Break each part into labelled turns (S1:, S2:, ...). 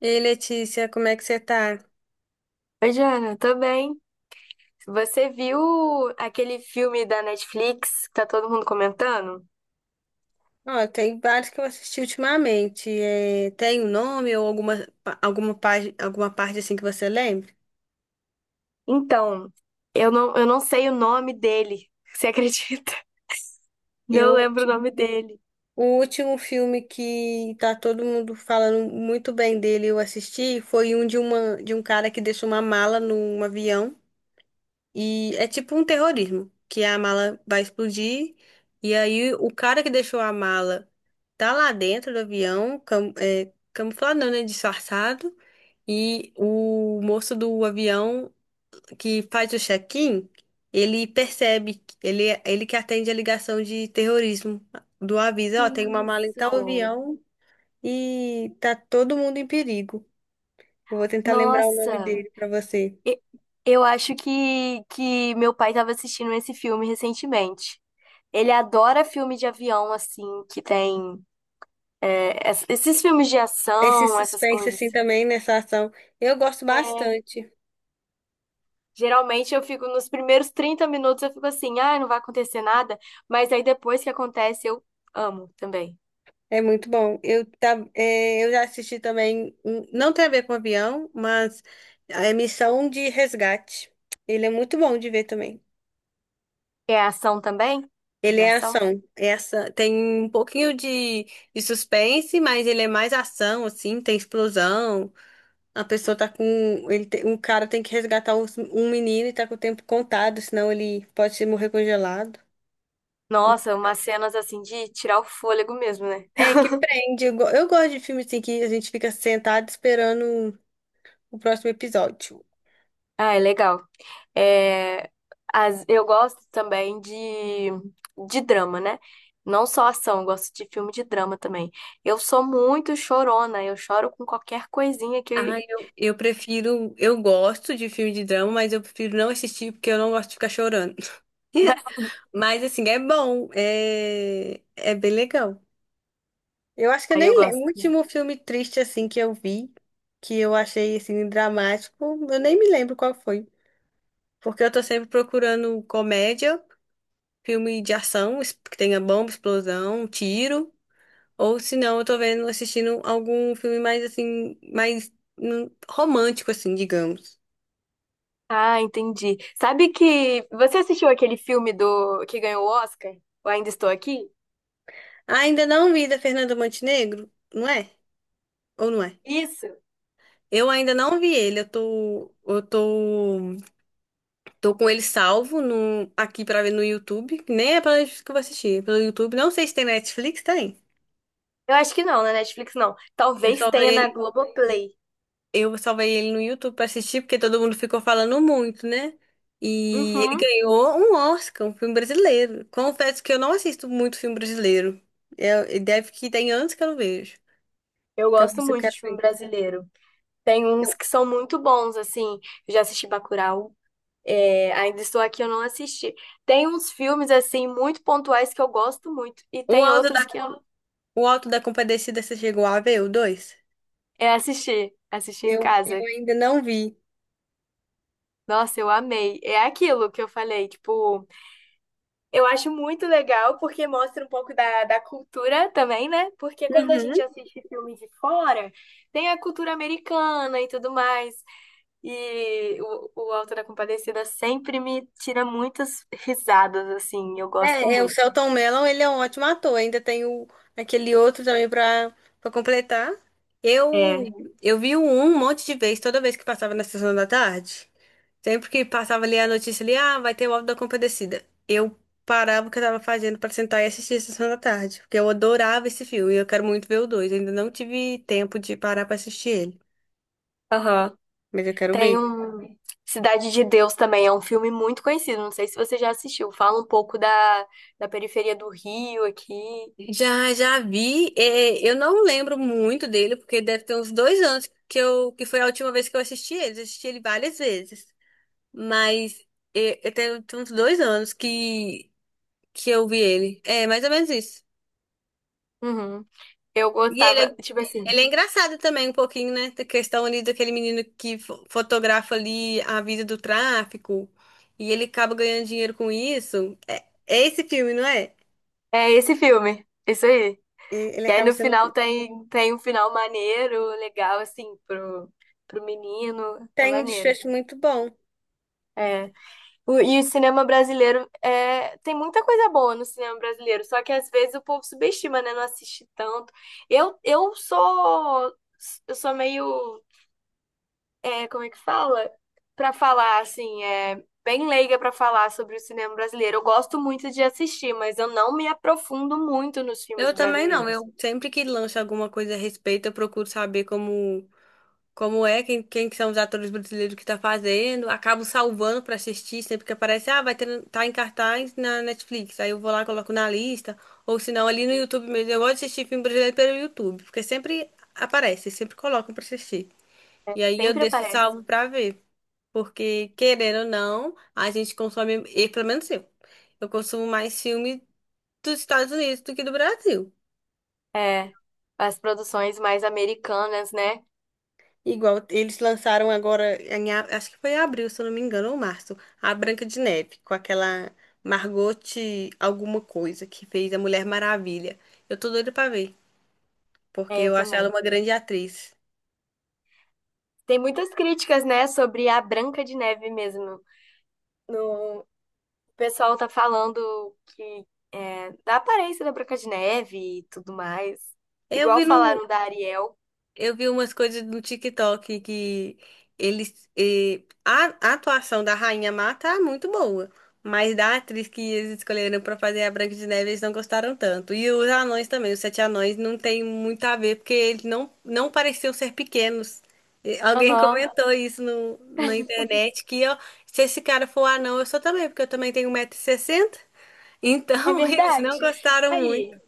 S1: Ei, Letícia, como é que você tá?
S2: Oi, Jana, tô bem. Você viu aquele filme da Netflix que tá todo mundo comentando?
S1: Ó, tem vários que eu assisti ultimamente. É, tem um nome ou página, alguma parte assim que você lembra?
S2: Então, eu não sei o nome dele. Você acredita? Não
S1: Eu
S2: lembro o nome dele.
S1: o, último filme que tá todo mundo falando muito bem dele, eu assisti, foi um de um cara que deixou uma mala num avião. E é tipo um terrorismo, que a mala vai explodir. E aí o cara que deixou a mala tá lá dentro do avião, camuflado, não, né? Disfarçado. E o moço do avião que faz o check-in, ele percebe, ele que atende a ligação de terrorismo do aviso,
S2: Que
S1: ó, tem uma mala em tal
S2: isso.
S1: avião e tá todo mundo em perigo. Eu vou tentar lembrar o nome
S2: Nossa,
S1: dele pra você.
S2: e- eu acho que meu pai tava assistindo esse filme recentemente. Ele adora filme de avião, assim, que tem esses filmes de
S1: Esse
S2: ação, essas
S1: suspense
S2: coisas.
S1: assim também nessa ação, eu gosto bastante.
S2: Geralmente eu fico nos primeiros 30 minutos, eu fico assim, ah, não vai acontecer nada, mas aí depois que acontece, eu amo também.
S1: É muito bom. Eu já assisti também, não tem a ver com avião, mas a Missão de Resgate. Ele é muito bom de ver também.
S2: É ação também?
S1: Ele
S2: De
S1: é
S2: ação?
S1: ação. Essa tem um pouquinho de suspense, mas ele é mais ação, assim, tem explosão. A pessoa tá com. Um cara tem que resgatar um menino e tá com o tempo contado, senão ele pode se morrer congelado. É bem
S2: Nossa,
S1: legal.
S2: umas cenas assim de tirar o fôlego mesmo, né?
S1: É que prende. Eu gosto de filme assim que a gente fica sentado esperando o próximo episódio.
S2: Ah, é legal. É, eu gosto também de drama, né? Não só ação, eu gosto de filme de drama também. Eu sou muito chorona, eu choro com qualquer coisinha que.
S1: Eu prefiro. Eu gosto de filme de drama, mas eu prefiro não assistir porque eu não gosto de ficar chorando. Mas, assim, é bom. É, é bem legal. Eu acho que eu
S2: Aí eu
S1: nem lembro.
S2: gosto.
S1: O último filme triste, assim, que eu vi, que eu achei, assim, dramático, eu nem me lembro qual foi. Porque eu tô sempre procurando comédia, filme de ação, que tenha bomba, explosão, tiro. Ou, se não, eu tô vendo, assistindo algum filme mais, assim, mais romântico, assim, digamos.
S2: Ah, entendi. Sabe que você assistiu aquele filme do que ganhou o Oscar? Eu ainda estou aqui?
S1: Ainda não vi da Fernanda Montenegro, não é? Ou não é?
S2: Isso.
S1: Eu ainda não vi ele, eu tô, tô com ele salvo no, aqui pra ver no YouTube, que nem é pela Netflix que eu vou assistir, é pelo YouTube. Não sei se tem Netflix, tem.
S2: Eu acho que não, na Netflix não.
S1: Eu
S2: Talvez
S1: salvei
S2: tenha na
S1: ele,
S2: Globoplay.
S1: eu salvei ele no YouTube pra assistir, porque todo mundo ficou falando muito, né? E ele
S2: Uhum.
S1: ganhou um Oscar, um filme brasileiro. Confesso que eu não assisto muito filme brasileiro. Deve que tem anos que eu não vejo.
S2: Eu
S1: Então,
S2: gosto
S1: isso eu
S2: muito
S1: quero
S2: de filme
S1: ver.
S2: brasileiro. Tem uns que são muito bons, assim. Eu já assisti Bacurau. É, ainda estou aqui, eu não assisti. Tem uns filmes, assim, muito pontuais que eu gosto muito. E
S1: O
S2: tem
S1: Alto
S2: outros que eu
S1: O Alto da Compadecida, você chegou a ver o 2?
S2: é, assisti. Assisti em casa.
S1: Eu ainda não vi.
S2: Nossa, eu amei. É aquilo que eu falei, tipo. Eu acho muito legal porque mostra um pouco da cultura também, né? Porque quando a gente
S1: Uhum.
S2: assiste filme de fora, tem a cultura americana e tudo mais. E o Auto da Compadecida sempre me tira muitas risadas, assim. Eu gosto
S1: É, é, o
S2: muito.
S1: Selton Mello, ele é um ótimo ator. Ainda tem o, aquele outro também pra completar. Eu,
S2: É,
S1: eu vi o um monte de vezes, toda vez que passava na sessão da tarde. Sempre que passava ali a notícia ali, ah, vai ter o Auto da Compadecida. Eu parava o que eu tava fazendo pra sentar e assistir a sessão da tarde, porque eu adorava esse filme e eu quero muito ver o dois. Ainda não tive tempo de parar pra assistir ele,
S2: aham.
S1: mas eu quero
S2: Tem
S1: ver.
S2: um... Cidade de Deus também é um filme muito conhecido. Não sei se você já assistiu. Fala um pouco da periferia do Rio aqui.
S1: Já, já vi. É, eu não lembro muito dele, porque deve ter uns 2 anos que eu, que foi a última vez que eu assisti ele. Eu assisti ele várias vezes. Mas é, é, tem uns 2 anos que eu vi ele. É, mais ou menos isso.
S2: Uhum. Eu
S1: E ele
S2: gostava,
S1: é,
S2: tipo assim,
S1: ele é engraçado também um pouquinho, né? Da questão ali daquele menino que fotografa ali a vida do tráfico. E ele acaba ganhando dinheiro com isso. É, é esse filme, não é?
S2: é esse filme. Isso aí.
S1: Ele
S2: E aí
S1: acaba
S2: no
S1: sendo...
S2: final tem, tem um final maneiro, legal, assim, pro, pro menino. É
S1: Tem um
S2: maneiro.
S1: desfecho muito bom.
S2: É. E o cinema brasileiro é, tem muita coisa boa no cinema brasileiro, só que às vezes o povo subestima, né? Não assiste tanto. Eu, eu sou, eu sou meio, é, como é que fala? Pra falar, assim, é bem leiga pra falar sobre o cinema brasileiro. Eu gosto muito de assistir, mas eu não me aprofundo muito nos filmes
S1: Eu também não.
S2: brasileiros.
S1: Eu sempre que lanço alguma coisa a respeito, eu procuro saber como, como é, quem, quem que são os atores brasileiros que tá fazendo. Acabo salvando pra assistir sempre que aparece. Ah, vai ter, tá em cartaz na Netflix. Aí eu vou lá, coloco na lista. Ou se não, ali no YouTube mesmo. Eu gosto de assistir filme brasileiro pelo YouTube, porque sempre aparece, sempre colocam pra assistir. E aí eu
S2: Sempre
S1: deixo
S2: aparece.
S1: salvo pra ver. Porque, querendo ou não, a gente consome, e pelo menos eu consumo mais filme dos Estados Unidos do que do Brasil.
S2: É, as produções mais americanas, né?
S1: Igual eles lançaram agora, em acho que foi em abril, se eu não me engano, ou março, a Branca de Neve, com aquela Margot alguma coisa que fez a Mulher Maravilha. Eu tô doida pra ver, porque
S2: É, eu
S1: eu acho ela
S2: também.
S1: uma grande atriz.
S2: Tem muitas críticas, né, sobre a Branca de Neve mesmo. No, o pessoal tá falando que é, da aparência da Branca de Neve e tudo mais.
S1: Eu
S2: Igual
S1: vi no,
S2: falaram da Ariel.
S1: Eu vi umas coisas no TikTok que a atuação da Rainha Má tá muito boa. Mas da atriz que eles escolheram pra fazer a Branca de Neve, eles não gostaram tanto. E os anões também, os sete anões, não tem muito a ver, porque eles não, não pareciam ser pequenos. E alguém
S2: Aham,
S1: comentou isso no, na internet, que ó, se esse cara for anão, eu sou também, porque eu também tenho 1,60 m.
S2: é
S1: Então, eles não
S2: verdade.
S1: gostaram.
S2: Aí,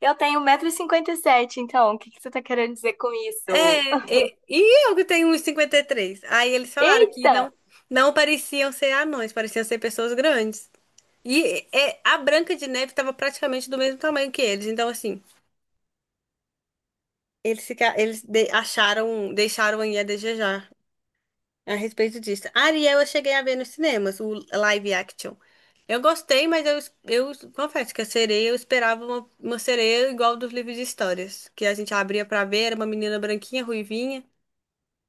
S2: eu tenho 1,57 m, então, o que que você tá querendo dizer com isso?
S1: E eu que tenho uns 53. Aí eles falaram que não,
S2: Eita!
S1: não pareciam ser anões, pareciam ser pessoas grandes. E é, a Branca de Neve estava praticamente do mesmo tamanho que eles. Então, assim, eles, fica, eles de- acharam, deixaram aí a desejar a respeito disso. Ariel, eu cheguei a ver nos cinemas, o live action. Eu gostei, mas eu confesso que a sereia, eu esperava uma sereia igual dos livros de histórias, que a gente abria pra ver, era uma menina branquinha, ruivinha.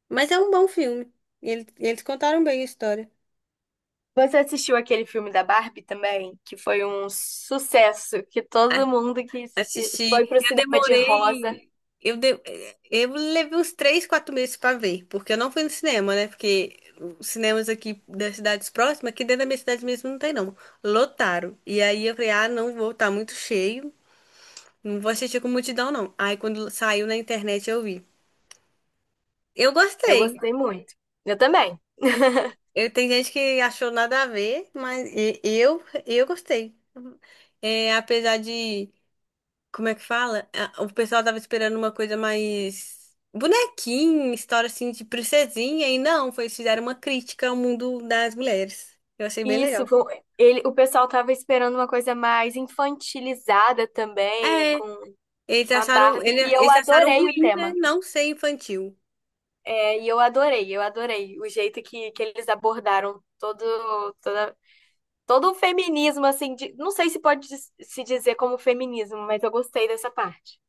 S1: Mas é um bom filme. Eles contaram bem a história.
S2: Você assistiu aquele filme da Barbie também, que foi um sucesso, que todo
S1: A-
S2: mundo que foi
S1: Assisti.
S2: pro
S1: Eu
S2: cinema de rosa,
S1: demorei. Eu, de- eu levei uns 3, 4 meses pra ver, porque eu não fui no cinema, né? Porque os cinemas aqui das cidades próximas, aqui dentro da minha cidade mesmo, não tem, não. Lotaram. E aí eu falei, ah, não vou, tá muito cheio. Não vou assistir com multidão, não. Aí quando saiu na internet eu vi. Eu
S2: eu
S1: gostei.
S2: gostei muito. Eu também.
S1: Eu, tem gente que achou nada a ver, mas eu gostei. É, apesar de. Como é que fala? Ah, o pessoal tava esperando uma coisa mais bonequinha, história assim de princesinha, e não, foi, eles fizeram uma crítica ao mundo das mulheres. Eu achei bem
S2: Isso,
S1: legal.
S2: ele, o pessoal tava esperando uma coisa mais infantilizada também,
S1: É,
S2: com a Barbie, e eu
S1: eles acharam
S2: adorei o
S1: ruim, né?
S2: tema.
S1: Não ser infantil.
S2: É, e eu adorei o jeito que eles abordaram todo, toda, todo o feminismo, assim, não sei se pode dis- se dizer como feminismo, mas eu gostei dessa parte.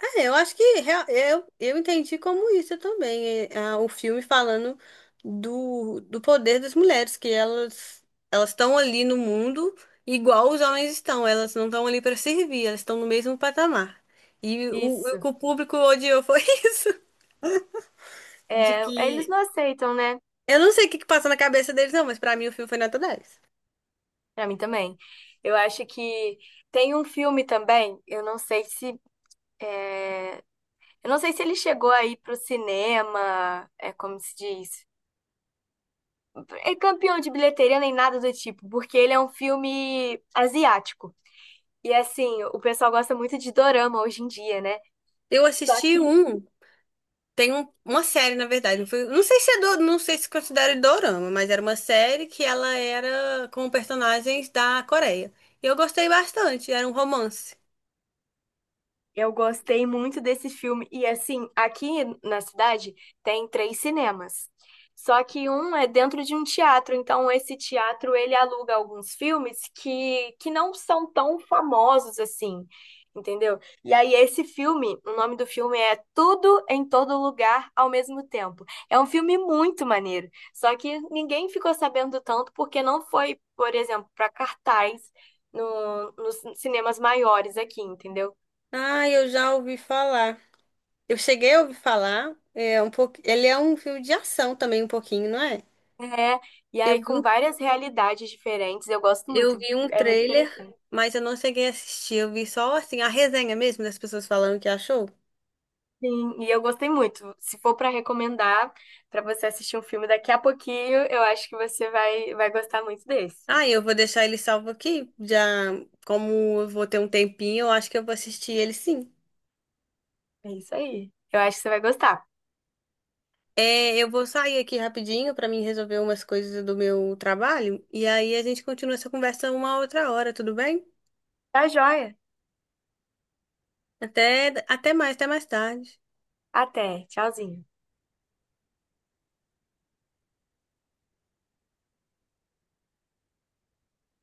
S1: É, eu acho que eu entendi como isso também. É, ah, o filme falando do poder das mulheres, que elas estão ali no mundo igual os homens estão. Elas não estão ali para servir, elas estão no mesmo patamar. E o
S2: Isso.
S1: que o público odiou foi isso. De
S2: É, eles
S1: que.
S2: não aceitam, né?
S1: Eu não sei o que que passa na cabeça deles, não, mas para mim o filme foi nota 10.
S2: Pra mim também. Eu acho que tem um filme também, eu não sei se é, eu não sei se ele chegou aí pro cinema, é como se diz, é campeão de bilheteria nem nada do tipo, porque ele é um filme asiático. E assim, o pessoal gosta muito de dorama hoje em dia, né?
S1: Eu
S2: Só
S1: assisti
S2: que
S1: um. Uma série, na verdade. Não, não sei se é do, não sei se considera dorama, mas era uma série que ela era com personagens da Coreia. E eu gostei bastante, era um romance.
S2: eu gostei muito desse filme. E assim, aqui na cidade tem 3 cinemas. Só que um é dentro de um teatro, então esse teatro ele aluga alguns filmes que não são tão famosos assim, entendeu? E aí esse filme, o nome do filme é Tudo em Todo Lugar ao Mesmo Tempo. É um filme muito maneiro, só que ninguém ficou sabendo tanto porque não foi, por exemplo, para cartaz no, nos cinemas maiores aqui, entendeu?
S1: Ah, eu já ouvi falar. Eu cheguei a ouvir falar. É um pouco, ele é um filme de ação também, um pouquinho, não é?
S2: É, e aí
S1: Eu vi,
S2: com
S1: um-
S2: várias realidades diferentes, eu gosto
S1: eu
S2: muito,
S1: vi um
S2: é muito
S1: trailer,
S2: interessante.
S1: mas eu não cheguei a assistir. Eu vi só assim a resenha mesmo das pessoas falando que achou.
S2: Sim, e eu gostei muito. Se for para recomendar para você assistir um filme daqui a pouquinho, eu acho que você vai gostar muito desse.
S1: Ah, eu vou deixar ele salvo aqui. Já, como eu vou ter um tempinho, eu acho que eu vou assistir ele sim.
S2: É isso aí. Eu acho que você vai gostar.
S1: É, eu vou sair aqui rapidinho para mim resolver umas coisas do meu trabalho e aí a gente continua essa conversa uma outra hora, tudo bem?
S2: Tá joia?
S1: Até, até mais tarde.
S2: Até. Tchauzinho.